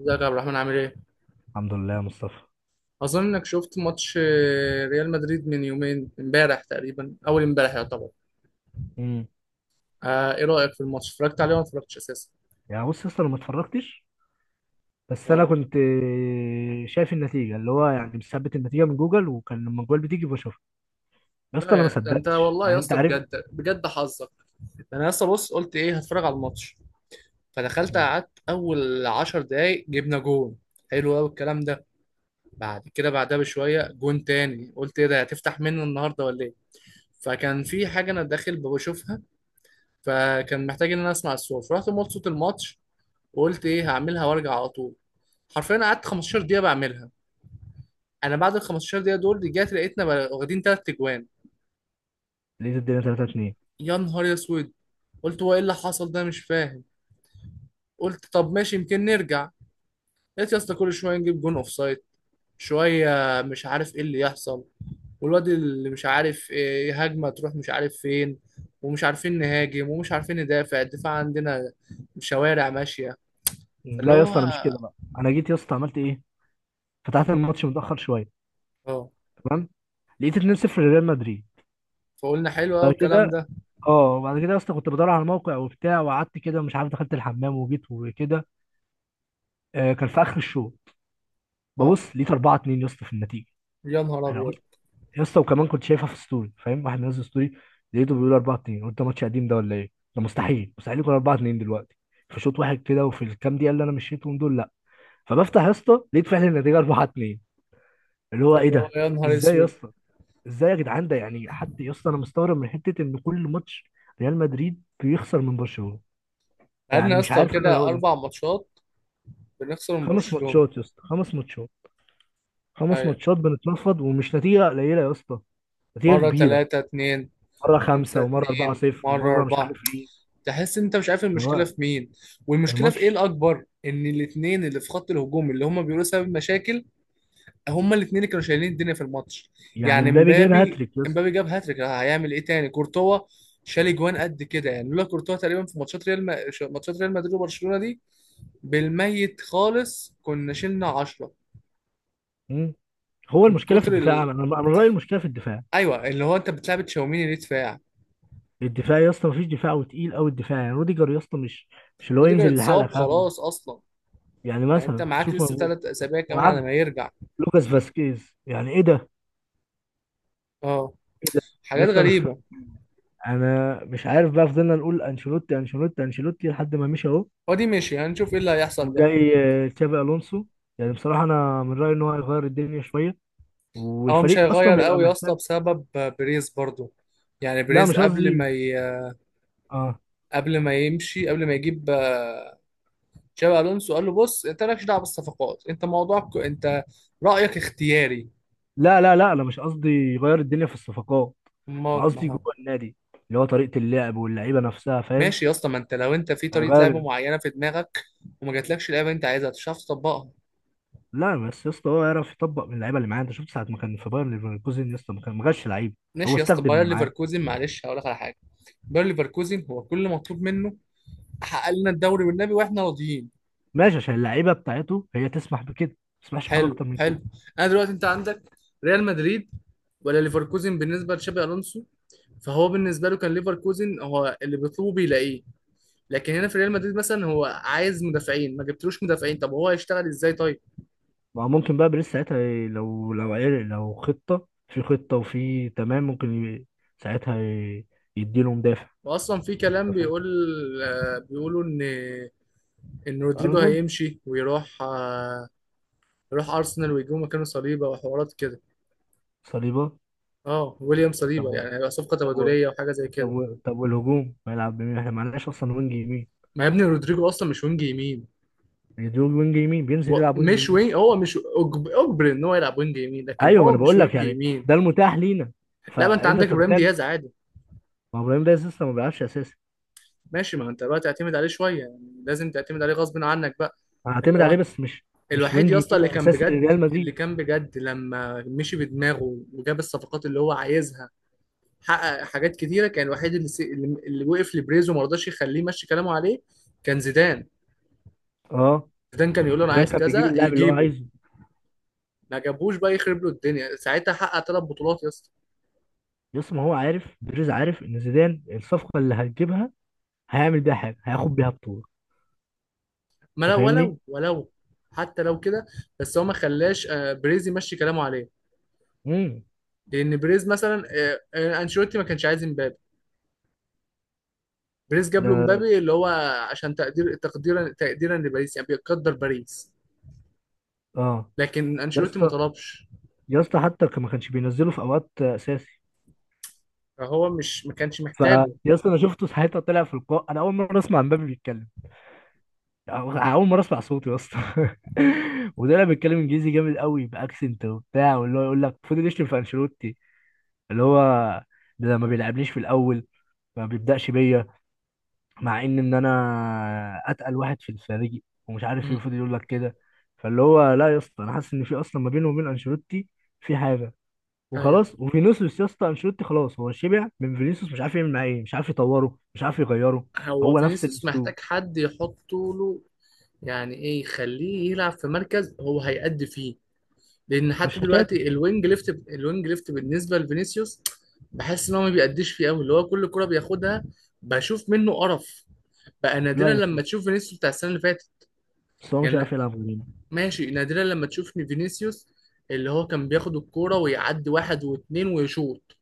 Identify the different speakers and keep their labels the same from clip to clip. Speaker 1: ازيك يا عبد الرحمن، عامل ايه؟
Speaker 2: الحمد لله يا مصطفى.
Speaker 1: اظن انك شفت ماتش ريال مدريد من يومين امبارح تقريبا، اول امبارح يعتبر.
Speaker 2: امم.
Speaker 1: ايه رايك في الماتش؟ اتفرجت عليه ولا ما اتفرجتش اساسا؟
Speaker 2: يعني بص اصلا ما اتفرجتش. بس انا
Speaker 1: اه.
Speaker 2: كنت شايف النتيجه، اللي هو يعني مثبت النتيجه من جوجل، وكان لما الجوال بتيجي بشوفها. يا
Speaker 1: لا
Speaker 2: اسطى انا
Speaker 1: يا
Speaker 2: ما
Speaker 1: ده، انت
Speaker 2: صدقتش،
Speaker 1: والله يا
Speaker 2: يعني انت
Speaker 1: اسطى
Speaker 2: عارف.
Speaker 1: بجد بجد حظك. ده انا يا اسطى بص، قلت ايه هتفرج على الماتش. فدخلت
Speaker 2: مم.
Speaker 1: قعدت اول 10 دقايق جبنا جون. حلو قوي الكلام ده. بعد كده بعدها بشويه جون تاني، قلت ايه ده، هتفتح منه النهارده ولا ايه؟ فكان في حاجه انا داخل بشوفها، فكان محتاج ان انا اسمع الصوت، رحت موت صوت الماتش. وقلت ايه هعملها وارجع على طول. حرفيا قعدت 15 دقيقه بعملها. انا بعد ال 15 دقيقه دول رجعت لقيتنا واخدين 3 اجوان.
Speaker 2: لقيت الدنيا 3-2.
Speaker 1: يا نهار اسود. قلت هو ايه اللي حصل ده، مش فاهم. قلت طب ماشي، يمكن نرجع. لقيت يا اسطى كل شويه نجيب جون اوف سايد، شويه، مش عارف ايه اللي يحصل. والواد اللي مش عارف ايه، هجمه تروح مش عارف فين، ومش عارفين نهاجم ومش عارفين ندافع، الدفاع عندنا شوارع ماشيه. فاللي
Speaker 2: لا يا
Speaker 1: هو
Speaker 2: اسطى انا مش كده، بقى انا جيت يا اسطى عملت ايه، فتحت الماتش متاخر شويه،
Speaker 1: اه.
Speaker 2: تمام، لقيت 2-0 لريال مدريد.
Speaker 1: فقلنا حلو قوي
Speaker 2: بعد
Speaker 1: الكلام
Speaker 2: كده
Speaker 1: ده.
Speaker 2: اه وبعد كده يا اسطى كنت بدور على الموقع وبتاع، وقعدت كده مش عارف، دخلت الحمام وجيت وكده. كان في اخر الشوط،
Speaker 1: اه،
Speaker 2: ببص لقيت 4-2 يا اسطى في النتيجه.
Speaker 1: يا نهار
Speaker 2: انا
Speaker 1: ابيض.
Speaker 2: يا اسطى وكمان كنت شايفها في ستوري، فاهم، واحد منزل ستوري، لقيته بيقول 4-2، قلت ده ماتش قديم ده ولا ايه؟ ده مستحيل مستحيل يكون 4-2 دلوقتي، فشوط واحد كده وفي الكام دقيقه اللي انا مشيتهم دول، لا. فبفتح يا اسطى لقيت فعلا النتيجه 4-2. اللي هو ايه
Speaker 1: اللي هو
Speaker 2: ده؟
Speaker 1: يا نهار
Speaker 2: ازاي يا
Speaker 1: اسود.
Speaker 2: اسطى؟ ازاي يا جدعان؟ ده يعني حتى يا اسطى انا مستغرب من حته ان كل ماتش ريال مدريد بيخسر من برشلونه.
Speaker 1: بقالنا
Speaker 2: يعني
Speaker 1: يا
Speaker 2: مش
Speaker 1: اسطى
Speaker 2: عارف انا
Speaker 1: كده
Speaker 2: لو ده،
Speaker 1: 4 ماتشات بنخسر من
Speaker 2: خمس
Speaker 1: برشلونة.
Speaker 2: ماتشات يا اسطى، خمس ماتشات، خمس
Speaker 1: ايوه،
Speaker 2: ماتشات بنتنفض، ومش نتيجه قليله يا اسطى، نتيجه
Speaker 1: مرة
Speaker 2: كبيره.
Speaker 1: تلاتة اتنين،
Speaker 2: مره خمسه،
Speaker 1: خمسة
Speaker 2: ومره 4
Speaker 1: اتنين،
Speaker 2: 0
Speaker 1: مرة
Speaker 2: ومره مش
Speaker 1: أربعة.
Speaker 2: عارف إيه.
Speaker 1: تحس انت مش عارف
Speaker 2: اللي هو
Speaker 1: المشكلة في مين، والمشكلة في ايه
Speaker 2: الماتش،
Speaker 1: الأكبر، ان الاتنين اللي في خط الهجوم، اللي هما بيقولوا سبب مشاكل، هما الاتنين اللي كانوا شايلين الدنيا في الماتش.
Speaker 2: يعني
Speaker 1: يعني
Speaker 2: مبابي جاب
Speaker 1: مبابي
Speaker 2: هاتريك يا اسطى.
Speaker 1: مبابي جاب هاتريك، هيعمل ايه تاني؟ كورتوا شال اجوان قد كده، يعني لولا كورتوا تقريبا في ماتشات ريال ما... ماتشات ريال مدريد وبرشلونة دي، بالميت خالص كنا شلنا 10.
Speaker 2: مم. هو
Speaker 1: من
Speaker 2: المشكله في
Speaker 1: كتر
Speaker 2: الدفاع، انا
Speaker 1: ال...
Speaker 2: أنا من رايي المشكله في الدفاع.
Speaker 1: ايوه، اللي هو انت بتلعب تشاوميني ليه دفاع؟
Speaker 2: الدفاع يا اسطى مفيش دفاع، وتقيل قوي الدفاع، يعني روديجر يا اسطى مش اللي هو
Speaker 1: روديجر
Speaker 2: ينزل يلحقك
Speaker 1: اتصاب
Speaker 2: هجمه.
Speaker 1: خلاص اصلا،
Speaker 2: يعني
Speaker 1: يعني انت
Speaker 2: مثلا
Speaker 1: معاك
Speaker 2: شوف
Speaker 1: لسه
Speaker 2: موجود،
Speaker 1: 3 اسابيع كمان على
Speaker 2: ومعاك
Speaker 1: ما يرجع.
Speaker 2: لوكاس فاسكيز، يعني ايه ده؟
Speaker 1: اه،
Speaker 2: ايه ده يا
Speaker 1: حاجات
Speaker 2: اسطى؟ انا
Speaker 1: غريبه.
Speaker 2: انا مش عارف بقى، فضلنا نقول انشيلوتي انشيلوتي انشيلوتي لحد ما مشي اهو.
Speaker 1: هو دي ماشي، هنشوف ايه اللي هيحصل بقى.
Speaker 2: وجاي تشابي الونسو، يعني بصراحه انا من رايي ان هو هيغير الدنيا شويه،
Speaker 1: هو مش
Speaker 2: والفريق اصلا
Speaker 1: هيغير
Speaker 2: بيبقى
Speaker 1: قوي يا اسطى
Speaker 2: محتاج.
Speaker 1: بسبب بريز برضو. يعني
Speaker 2: لا
Speaker 1: بريز
Speaker 2: مش قصدي. اه
Speaker 1: قبل ما يمشي، قبل ما يجيب تشابي الونسو، قال له بص انت مالكش دعوه بالصفقات، انت موضوعك انت، رايك اختياري.
Speaker 2: لا لا لا، انا مش قصدي يغير الدنيا في الصفقات، انا
Speaker 1: ما
Speaker 2: قصدي
Speaker 1: هو.
Speaker 2: جوه النادي، اللي هو طريقه اللعب واللعيبه نفسها، فاهم؟
Speaker 1: ماشي يا اسطى، ما انت لو انت في طريقه لعب
Speaker 2: هيغير.
Speaker 1: معينه في دماغك، وما جاتلكش اللعبه اللي انت عايزها، مش هتعرف تطبقها.
Speaker 2: لا بس يا اسطى هو يعرف يطبق من اللعيبه اللي معاه، انت شفت ساعه ما كان في باير ليفركوزن يا اسطى، ما جابش لعيبه، هو
Speaker 1: ماشي يا اسطى،
Speaker 2: استخدم
Speaker 1: باير
Speaker 2: اللي معاه.
Speaker 1: ليفركوزن معلش هقول لك على حاجه. باير ليفركوزن هو كل اللي مطلوب منه، حقق لنا الدوري والنبي واحنا راضيين.
Speaker 2: ماشي، عشان اللعيبه بتاعته هي تسمح بكده، ما تسمحش بحاجه
Speaker 1: حلو
Speaker 2: اكتر من
Speaker 1: حلو.
Speaker 2: كده.
Speaker 1: انا دلوقتي انت عندك ريال مدريد ولا ليفركوزن بالنسبه لتشابي الونسو؟ فهو بالنسبه له كان ليفركوزن، هو اللي بيطلبه بيلاقيه. لكن هنا في ريال مدريد مثلا، هو عايز مدافعين، ما جبتلوش مدافعين، طب هو هيشتغل ازاي طيب؟
Speaker 2: ما هو ممكن بقى بيريز ساعتها لو عرق، لو خطه في خطه وفي تمام، ممكن ساعتها يديله مدافع.
Speaker 1: واصلا في كلام
Speaker 2: أنت فاهم؟
Speaker 1: بيقول بيقولوا ان ان رودريجو
Speaker 2: ارنولد.
Speaker 1: هيمشي ويروح يروح ارسنال، ويجيبوا مكانه صليبه وحوارات كده.
Speaker 2: صليبه.
Speaker 1: اه، ويليام
Speaker 2: طب
Speaker 1: صليبه،
Speaker 2: هو-
Speaker 1: يعني هيبقى صفقه
Speaker 2: طب هو-
Speaker 1: تبادليه وحاجه زي
Speaker 2: طب
Speaker 1: كده.
Speaker 2: و... طب والهجوم هيلعب بمين؟ احنا معناش اصلا وينج يمين.
Speaker 1: ما يا ابني رودريجو اصلا مش وينج يمين.
Speaker 2: يعني دول وينج يمين بينزل يلعب وينج
Speaker 1: مش
Speaker 2: يمين.
Speaker 1: وينج، هو مش اجبر ان هو يلعب وينج يمين، لكن
Speaker 2: ايوه ما
Speaker 1: هو
Speaker 2: انا
Speaker 1: مش
Speaker 2: بقول لك،
Speaker 1: وينج
Speaker 2: يعني
Speaker 1: يمين.
Speaker 2: ده المتاح لينا،
Speaker 1: لا، ما انت
Speaker 2: فانت
Speaker 1: عندك ابراهيم
Speaker 2: تتخيل.
Speaker 1: دياز عادي.
Speaker 2: ما هو ابراهيم ده لسه ما بيلعبش اساسي.
Speaker 1: ماشي، ما انت بقى تعتمد عليه شويه يعني، لازم تعتمد عليه غصب عنك بقى. اللي
Speaker 2: هعتمد
Speaker 1: هو
Speaker 2: عليه بس مش، مش
Speaker 1: الوحيد
Speaker 2: وينج
Speaker 1: يا اسطى
Speaker 2: يمين
Speaker 1: اللي كان
Speaker 2: اساسي
Speaker 1: بجد،
Speaker 2: لريال مدريد.
Speaker 1: لما مشي بدماغه وجاب الصفقات اللي هو عايزها، حقق حاجات كتيره. كان الوحيد اللي وقف لبريز وما رضاش يخليه يمشي كلامه عليه، كان زيدان.
Speaker 2: اه
Speaker 1: زيدان كان يقول له انا
Speaker 2: زيدان
Speaker 1: عايز
Speaker 2: كان بيجيب
Speaker 1: كذا
Speaker 2: اللاعب اللي هو
Speaker 1: يجيبه،
Speaker 2: عايزه.
Speaker 1: ما جابوش بقى يخرب له الدنيا، ساعتها حقق 3 بطولات يا اسطى.
Speaker 2: يس، ما هو عارف بيريز، عارف ان زيدان الصفقه اللي هتجيبها هيعمل بيها حاجه، هياخد بيها بطوله.
Speaker 1: ما
Speaker 2: انت
Speaker 1: لو
Speaker 2: فاهمني؟
Speaker 1: ولو ولو حتى لو كده، بس هو ما خلاش بريز يمشي كلامه عليه.
Speaker 2: امم.
Speaker 1: لان بريز مثلا انشيلوتي ما كانش عايز مبابي، بريز جاب له
Speaker 2: ده
Speaker 1: مبابي، اللي هو عشان تقديرا لباريس، يعني بيقدر باريس.
Speaker 2: اه
Speaker 1: لكن انشيلوتي
Speaker 2: يس.
Speaker 1: ما طلبش،
Speaker 2: يس، حتى ما كانش بينزله في اوقات اساسي.
Speaker 1: فهو مش ما كانش
Speaker 2: ف،
Speaker 1: محتاجه.
Speaker 2: يا اسطى انا شفته ساعتها طلع في اللقاء، انا اول مره اسمع مبابي بيتكلم. أو- اول مره اسمع صوته يا اسطى وطلع بيتكلم انجليزي جامد قوي، باكسنت وبتاع، واللي هو يقول لك فضل يشتم في انشيلوتي. اللي هو ده ما بيلعبنيش في الاول، ما بيبداش بيا، مع ان انا اتقل واحد في الفريق، ومش عارف ايه،
Speaker 1: مم.
Speaker 2: فضل يقول لك كده. فاللي هو لا يا اسطى انا حاسس ان في اصلا ما بينه وبين انشيلوتي في حاجه،
Speaker 1: ايوه،
Speaker 2: وخلاص. وفينيسيوس يا اسطى، انشيلوتي خلاص هو شبع من فينيسيوس، مش عارف يعمل معاه ايه، مش عارف يطوره، مش عارف يغيره.
Speaker 1: هو
Speaker 2: هو نفس
Speaker 1: فينيسيوس محتاج
Speaker 2: الاسلوب،
Speaker 1: حد يحطه له، يعني ايه يخليه يلعب في مركز هو هيأدي فيه. لان حتى
Speaker 2: مش حكايه.
Speaker 1: دلوقتي الوينج ليفت بالنسبه لفينيسيوس بحس ان هو ما بيأديش فيه قوي، اللي هو كل كرة بياخدها بشوف منه قرف. بقى
Speaker 2: لا
Speaker 1: نادرا
Speaker 2: يا اسطى
Speaker 1: لما
Speaker 2: بس
Speaker 1: تشوف فينيسيوس بتاع السنه اللي فاتت،
Speaker 2: بس هو مش عارف
Speaker 1: يعني
Speaker 2: يلعب غيره.
Speaker 1: ماشي، نادرا لما تشوف إن فينيسيوس، اللي هو كان بياخد الكوره ويعدي واحد واثنين ويشوط.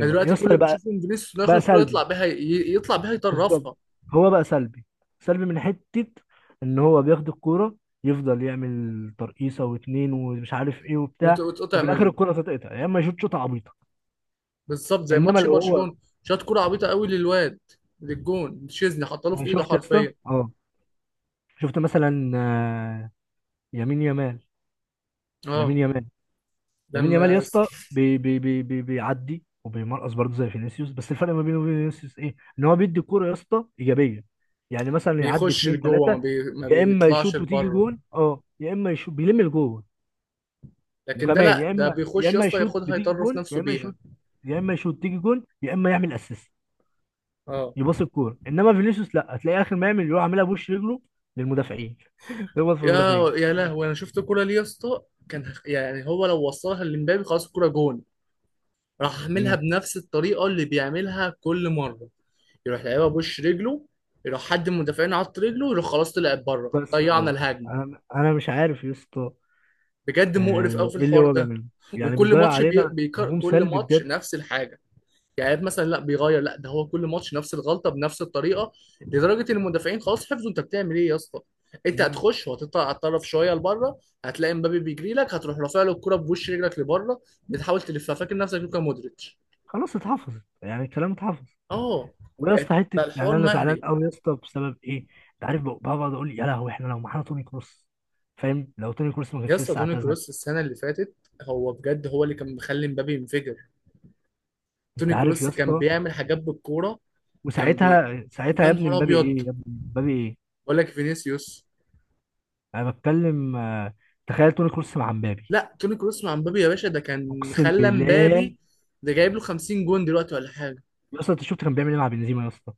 Speaker 1: يعني
Speaker 2: يا
Speaker 1: دلوقتي كل اللي
Speaker 2: اسطى، بقى
Speaker 1: بتشوفه من فينيسيوس إنه ياخد
Speaker 2: بقى
Speaker 1: الكوره
Speaker 2: سلبي.
Speaker 1: يطلع بيها
Speaker 2: بالظبط،
Speaker 1: يطرفها
Speaker 2: هو بقى سلبي، سلبي من حته ان هو بياخد الكوره، يفضل يعمل ترقيصه واتنين ومش عارف ايه وبتاع،
Speaker 1: وتقطع
Speaker 2: وفي الاخر
Speaker 1: منه.
Speaker 2: الكوره تتقطع، يا اما يشوط شوطه عبيطه.
Speaker 1: بالظبط زي
Speaker 2: انما
Speaker 1: ماتش
Speaker 2: لو هو،
Speaker 1: برشلونة، شاط كرة عبيطة قوي للواد، للجون تشيزني، حطله
Speaker 2: انا
Speaker 1: في ايده
Speaker 2: شفت يا اسطى.
Speaker 1: حرفيا.
Speaker 2: اه شفت مثلا يمين يامال،
Speaker 1: اه،
Speaker 2: لامين يامال. لامين يامال يا
Speaker 1: لما س-
Speaker 2: اسطى بي بي بي بي بيعدي وبيمرقص برضه زي فينيسيوس، بس الفرق ما بينه وبين فينيسيوس ايه؟ ان هو بيدي الكوره يا اسطى ايجابيه. يعني مثلا يعدي
Speaker 1: بيخش
Speaker 2: اتنين
Speaker 1: لجوه
Speaker 2: تلاته،
Speaker 1: ما
Speaker 2: يا اما
Speaker 1: بيطلعش
Speaker 2: يشوط وتيجي
Speaker 1: لبره.
Speaker 2: جون، يا اما يشوط بيلم الجون.
Speaker 1: لكن ده،
Speaker 2: وكمان
Speaker 1: لا
Speaker 2: يا
Speaker 1: ده
Speaker 2: اما يا
Speaker 1: بيخش يا
Speaker 2: اما
Speaker 1: اسطى،
Speaker 2: يشوط
Speaker 1: ياخدها
Speaker 2: بتيجي
Speaker 1: يطرف
Speaker 2: جون،
Speaker 1: نفسه
Speaker 2: يا اما يشوط،
Speaker 1: بيها.
Speaker 2: يا اما يشوط تيجي جون، يا اما يعمل اسيست،
Speaker 1: اه.
Speaker 2: يباص الكوره. انما فينيسيوس لا، هتلاقي اخر ما يعمل يروح عاملها بوش رجله للمدافعين يخبط في
Speaker 1: يا
Speaker 2: المدافعين.
Speaker 1: يا لهوي، انا شفت الكرة دي يا اسطى، كان يعني هو لو وصلها لمبابي خلاص الكرة جون. راح عاملها
Speaker 2: مم.
Speaker 1: بنفس الطريقة اللي بيعملها كل مرة، يروح لعيبها بوش رجله، يروح حد من المدافعين عط رجله، يروح خلاص طلعت بره،
Speaker 2: بس
Speaker 1: ضيعنا الهجمة.
Speaker 2: انا مش عارف يا اسطى
Speaker 1: بجد مقرف قوي في
Speaker 2: ايه اللي
Speaker 1: الحوار
Speaker 2: هو
Speaker 1: ده.
Speaker 2: بيعمله، يعني
Speaker 1: وكل
Speaker 2: بيضيع
Speaker 1: ماتش
Speaker 2: علينا هجوم،
Speaker 1: كل
Speaker 2: سلبي
Speaker 1: ماتش
Speaker 2: بجد.
Speaker 1: نفس الحاجه. يعني مثلا لا بيغير، لا ده هو كل ماتش نفس الغلطه بنفس الطريقه، لدرجه ان المدافعين خلاص حفظوا انت بتعمل ايه يا اسطى. انت
Speaker 2: مم.
Speaker 1: هتخش وهتطلع على الطرف شويه لبره، هتلاقي مبابي بيجري لك، هتروح رافع له الكره بوش رجلك لبره، بتحاول تلفها فاكر نفسك لوكا مودريتش.
Speaker 2: خلاص اتحفظت، يعني الكلام اتحفظ.
Speaker 1: اه،
Speaker 2: ويا
Speaker 1: بقت
Speaker 2: اسطى حته،
Speaker 1: بقى
Speaker 2: يعني
Speaker 1: الحوار
Speaker 2: انا زعلان
Speaker 1: مهري.
Speaker 2: قوي يا اسطى بسبب ايه، انت عارف بقعد اقول يا لهوي، احنا لو معانا توني كروس، فاهم، لو توني كروس ما
Speaker 1: يا
Speaker 2: كانش
Speaker 1: اسطى
Speaker 2: لسه
Speaker 1: توني
Speaker 2: اعتزل.
Speaker 1: كروس السنه اللي فاتت، هو اللي كان مخلي مبابي ينفجر.
Speaker 2: انت
Speaker 1: توني
Speaker 2: عارف يا
Speaker 1: كروس كان
Speaker 2: اسطى،
Speaker 1: بيعمل حاجات بالكوره، كان بي
Speaker 2: وساعتها، ساعتها
Speaker 1: يا
Speaker 2: يا ابني
Speaker 1: نهار
Speaker 2: مبابي
Speaker 1: ابيض.
Speaker 2: ايه يا ابني، مبابي ايه؟
Speaker 1: بقول لك فينيسيوس،
Speaker 2: انا بتكلم تخيل توني كروس مع مبابي،
Speaker 1: لا توني كروس مع مبابي يا باشا ده كان
Speaker 2: اقسم
Speaker 1: خلى
Speaker 2: بالله.
Speaker 1: مبابي، ده جايب له 50 جون دلوقتي ولا حاجه.
Speaker 2: يا اسطى انت شفت كان بيعمل ايه مع بنزيما يا اسطى؟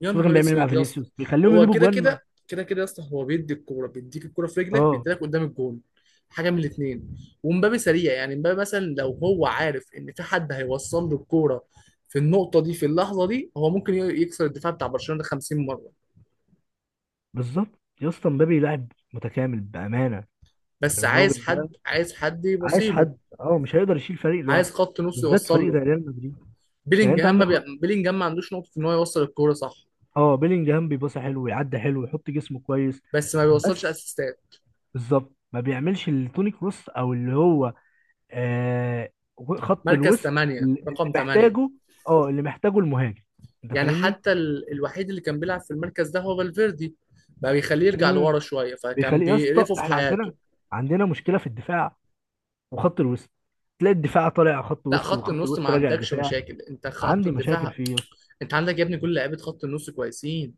Speaker 1: يا
Speaker 2: شفت كان
Speaker 1: نهار
Speaker 2: بيعمل ايه مع
Speaker 1: اسود يا اسطى.
Speaker 2: فينيسيوس؟ بيخليهم
Speaker 1: هو
Speaker 2: يجيبوا
Speaker 1: كده
Speaker 2: جوان
Speaker 1: كده كده كده يا اسطى، هو بيدي الكوره، بيديك الكوره في رجلك،
Speaker 2: اه
Speaker 1: بيديلك قدام الجون، حاجه من الاثنين. ومبابي سريع، يعني مبابي مثلا لو هو عارف ان في حد هيوصل له الكوره في النقطه دي في اللحظه دي، هو ممكن يكسر الدفاع بتاع برشلونه ده 50 مره.
Speaker 2: بالظبط، يا اسطى مبابي لاعب متكامل بامانه،
Speaker 1: بس عايز
Speaker 2: الراجل
Speaker 1: حد،
Speaker 2: ده، عايز
Speaker 1: يبصيله،
Speaker 2: حد. اه، مش هيقدر يشيل فريق
Speaker 1: عايز
Speaker 2: لوحده،
Speaker 1: خط نص
Speaker 2: بالذات
Speaker 1: يوصل
Speaker 2: فريق
Speaker 1: له.
Speaker 2: زي ريال مدريد. يعني انت
Speaker 1: بيلينجهام ما
Speaker 2: عندك خط.
Speaker 1: بي... بيلينجهام ما عندوش نقطه ان هو يوصل الكوره صح،
Speaker 2: اه، بيلينجهام بيباصي حلو، ويعدي حلو، ويحط جسمه كويس،
Speaker 1: بس ما بيوصلش
Speaker 2: بس
Speaker 1: اسيستات.
Speaker 2: بالظبط ما بيعملش اللي توني كروس، او اللي هو آه خط
Speaker 1: مركز
Speaker 2: الوسط
Speaker 1: 8،
Speaker 2: اللي
Speaker 1: رقم 8.
Speaker 2: محتاجه. اه اللي محتاجه المهاجم، انت
Speaker 1: يعني
Speaker 2: فاهمني؟
Speaker 1: الوحيد اللي كان بيلعب في المركز ده هو فالفيردي، بقى بيخليه يرجع
Speaker 2: مم.
Speaker 1: لورا شويه فكان
Speaker 2: بيخليه يا اسطى،
Speaker 1: بيقرفه في
Speaker 2: احنا عندنا
Speaker 1: حياته.
Speaker 2: عندنا مشكله في الدفاع وخط الوسط، تلاقي الدفاع طالع خط
Speaker 1: لا،
Speaker 2: وسط،
Speaker 1: خط
Speaker 2: وخط
Speaker 1: النص ما
Speaker 2: الوسط راجع
Speaker 1: عندكش
Speaker 2: دفاع.
Speaker 1: مشاكل، انت خط
Speaker 2: عندي مشاكل
Speaker 1: الدفاع.
Speaker 2: فيه يا اسطى.
Speaker 1: انت عندك يا ابني كل لعيبه خط النص كويسين،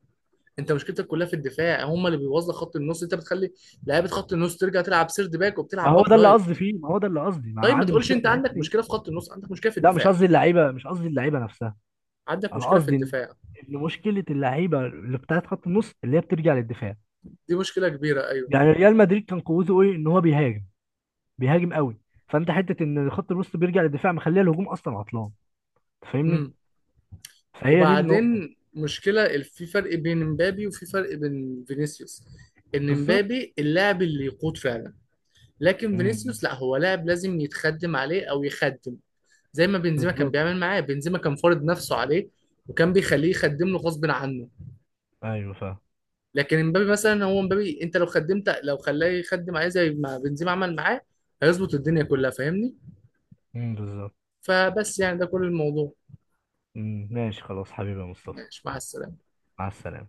Speaker 1: انت مشكلتك كلها في الدفاع، هم اللي بيوظف خط النص، انت بتخلي لعيبه خط النص ترجع تلعب سيرد باك
Speaker 2: ما
Speaker 1: وبتلعب
Speaker 2: هو
Speaker 1: باك
Speaker 2: ده اللي قصدي
Speaker 1: رايت.
Speaker 2: فيه، ما هو ده اللي قصدي، ما انا
Speaker 1: طيب ما
Speaker 2: عندي
Speaker 1: تقولش
Speaker 2: مشكله في
Speaker 1: انت
Speaker 2: الحته
Speaker 1: عندك
Speaker 2: دي.
Speaker 1: مشكله في خط النص، عندك مشكله في
Speaker 2: لا،
Speaker 1: الدفاع.
Speaker 2: مش قصدي اللعيبه نفسها،
Speaker 1: عندك
Speaker 2: انا
Speaker 1: مشكله في
Speaker 2: قصدي ان،
Speaker 1: الدفاع،
Speaker 2: إن مشكله اللعيبه اللي بتاعت خط النص اللي هي بترجع للدفاع.
Speaker 1: دي مشكله كبيره ايوه.
Speaker 2: يعني ريال مدريد كان قوته ايه؟ ان هو بيهاجم، بيهاجم قوي، فانت حته ان خط الوسط بيرجع للدفاع مخليه الهجوم اصلا عطلان، تفهمني؟
Speaker 1: مم.
Speaker 2: فهي دي النقطه.
Speaker 1: وبعدين في فرق بين مبابي وفي فرق بين فينيسيوس، ان
Speaker 2: بالظبط.
Speaker 1: مبابي اللاعب اللي يقود فعلا، لكن
Speaker 2: امم،
Speaker 1: فينيسيوس لا، هو لاعب لازم يتخدم عليه او يخدم. زي ما بنزيما كان
Speaker 2: بالظبط.
Speaker 1: بيعمل معاه، بنزيما كان فارض نفسه عليه وكان بيخليه يخدم له غصب عنه.
Speaker 2: ايوه فاهم.
Speaker 1: لكن مبابي مثلا، هو مبابي انت لو خدمت، لو خلاه يخدم عليه زي ما بنزيما عمل معاه، هيظبط الدنيا كلها فاهمني.
Speaker 2: امم، بالظبط.
Speaker 1: فبس يعني ده كل الموضوع.
Speaker 2: امم، ماشي خلاص حبيبي يا مصطفى.
Speaker 1: ماشي مع السلامة.
Speaker 2: مع السلامه.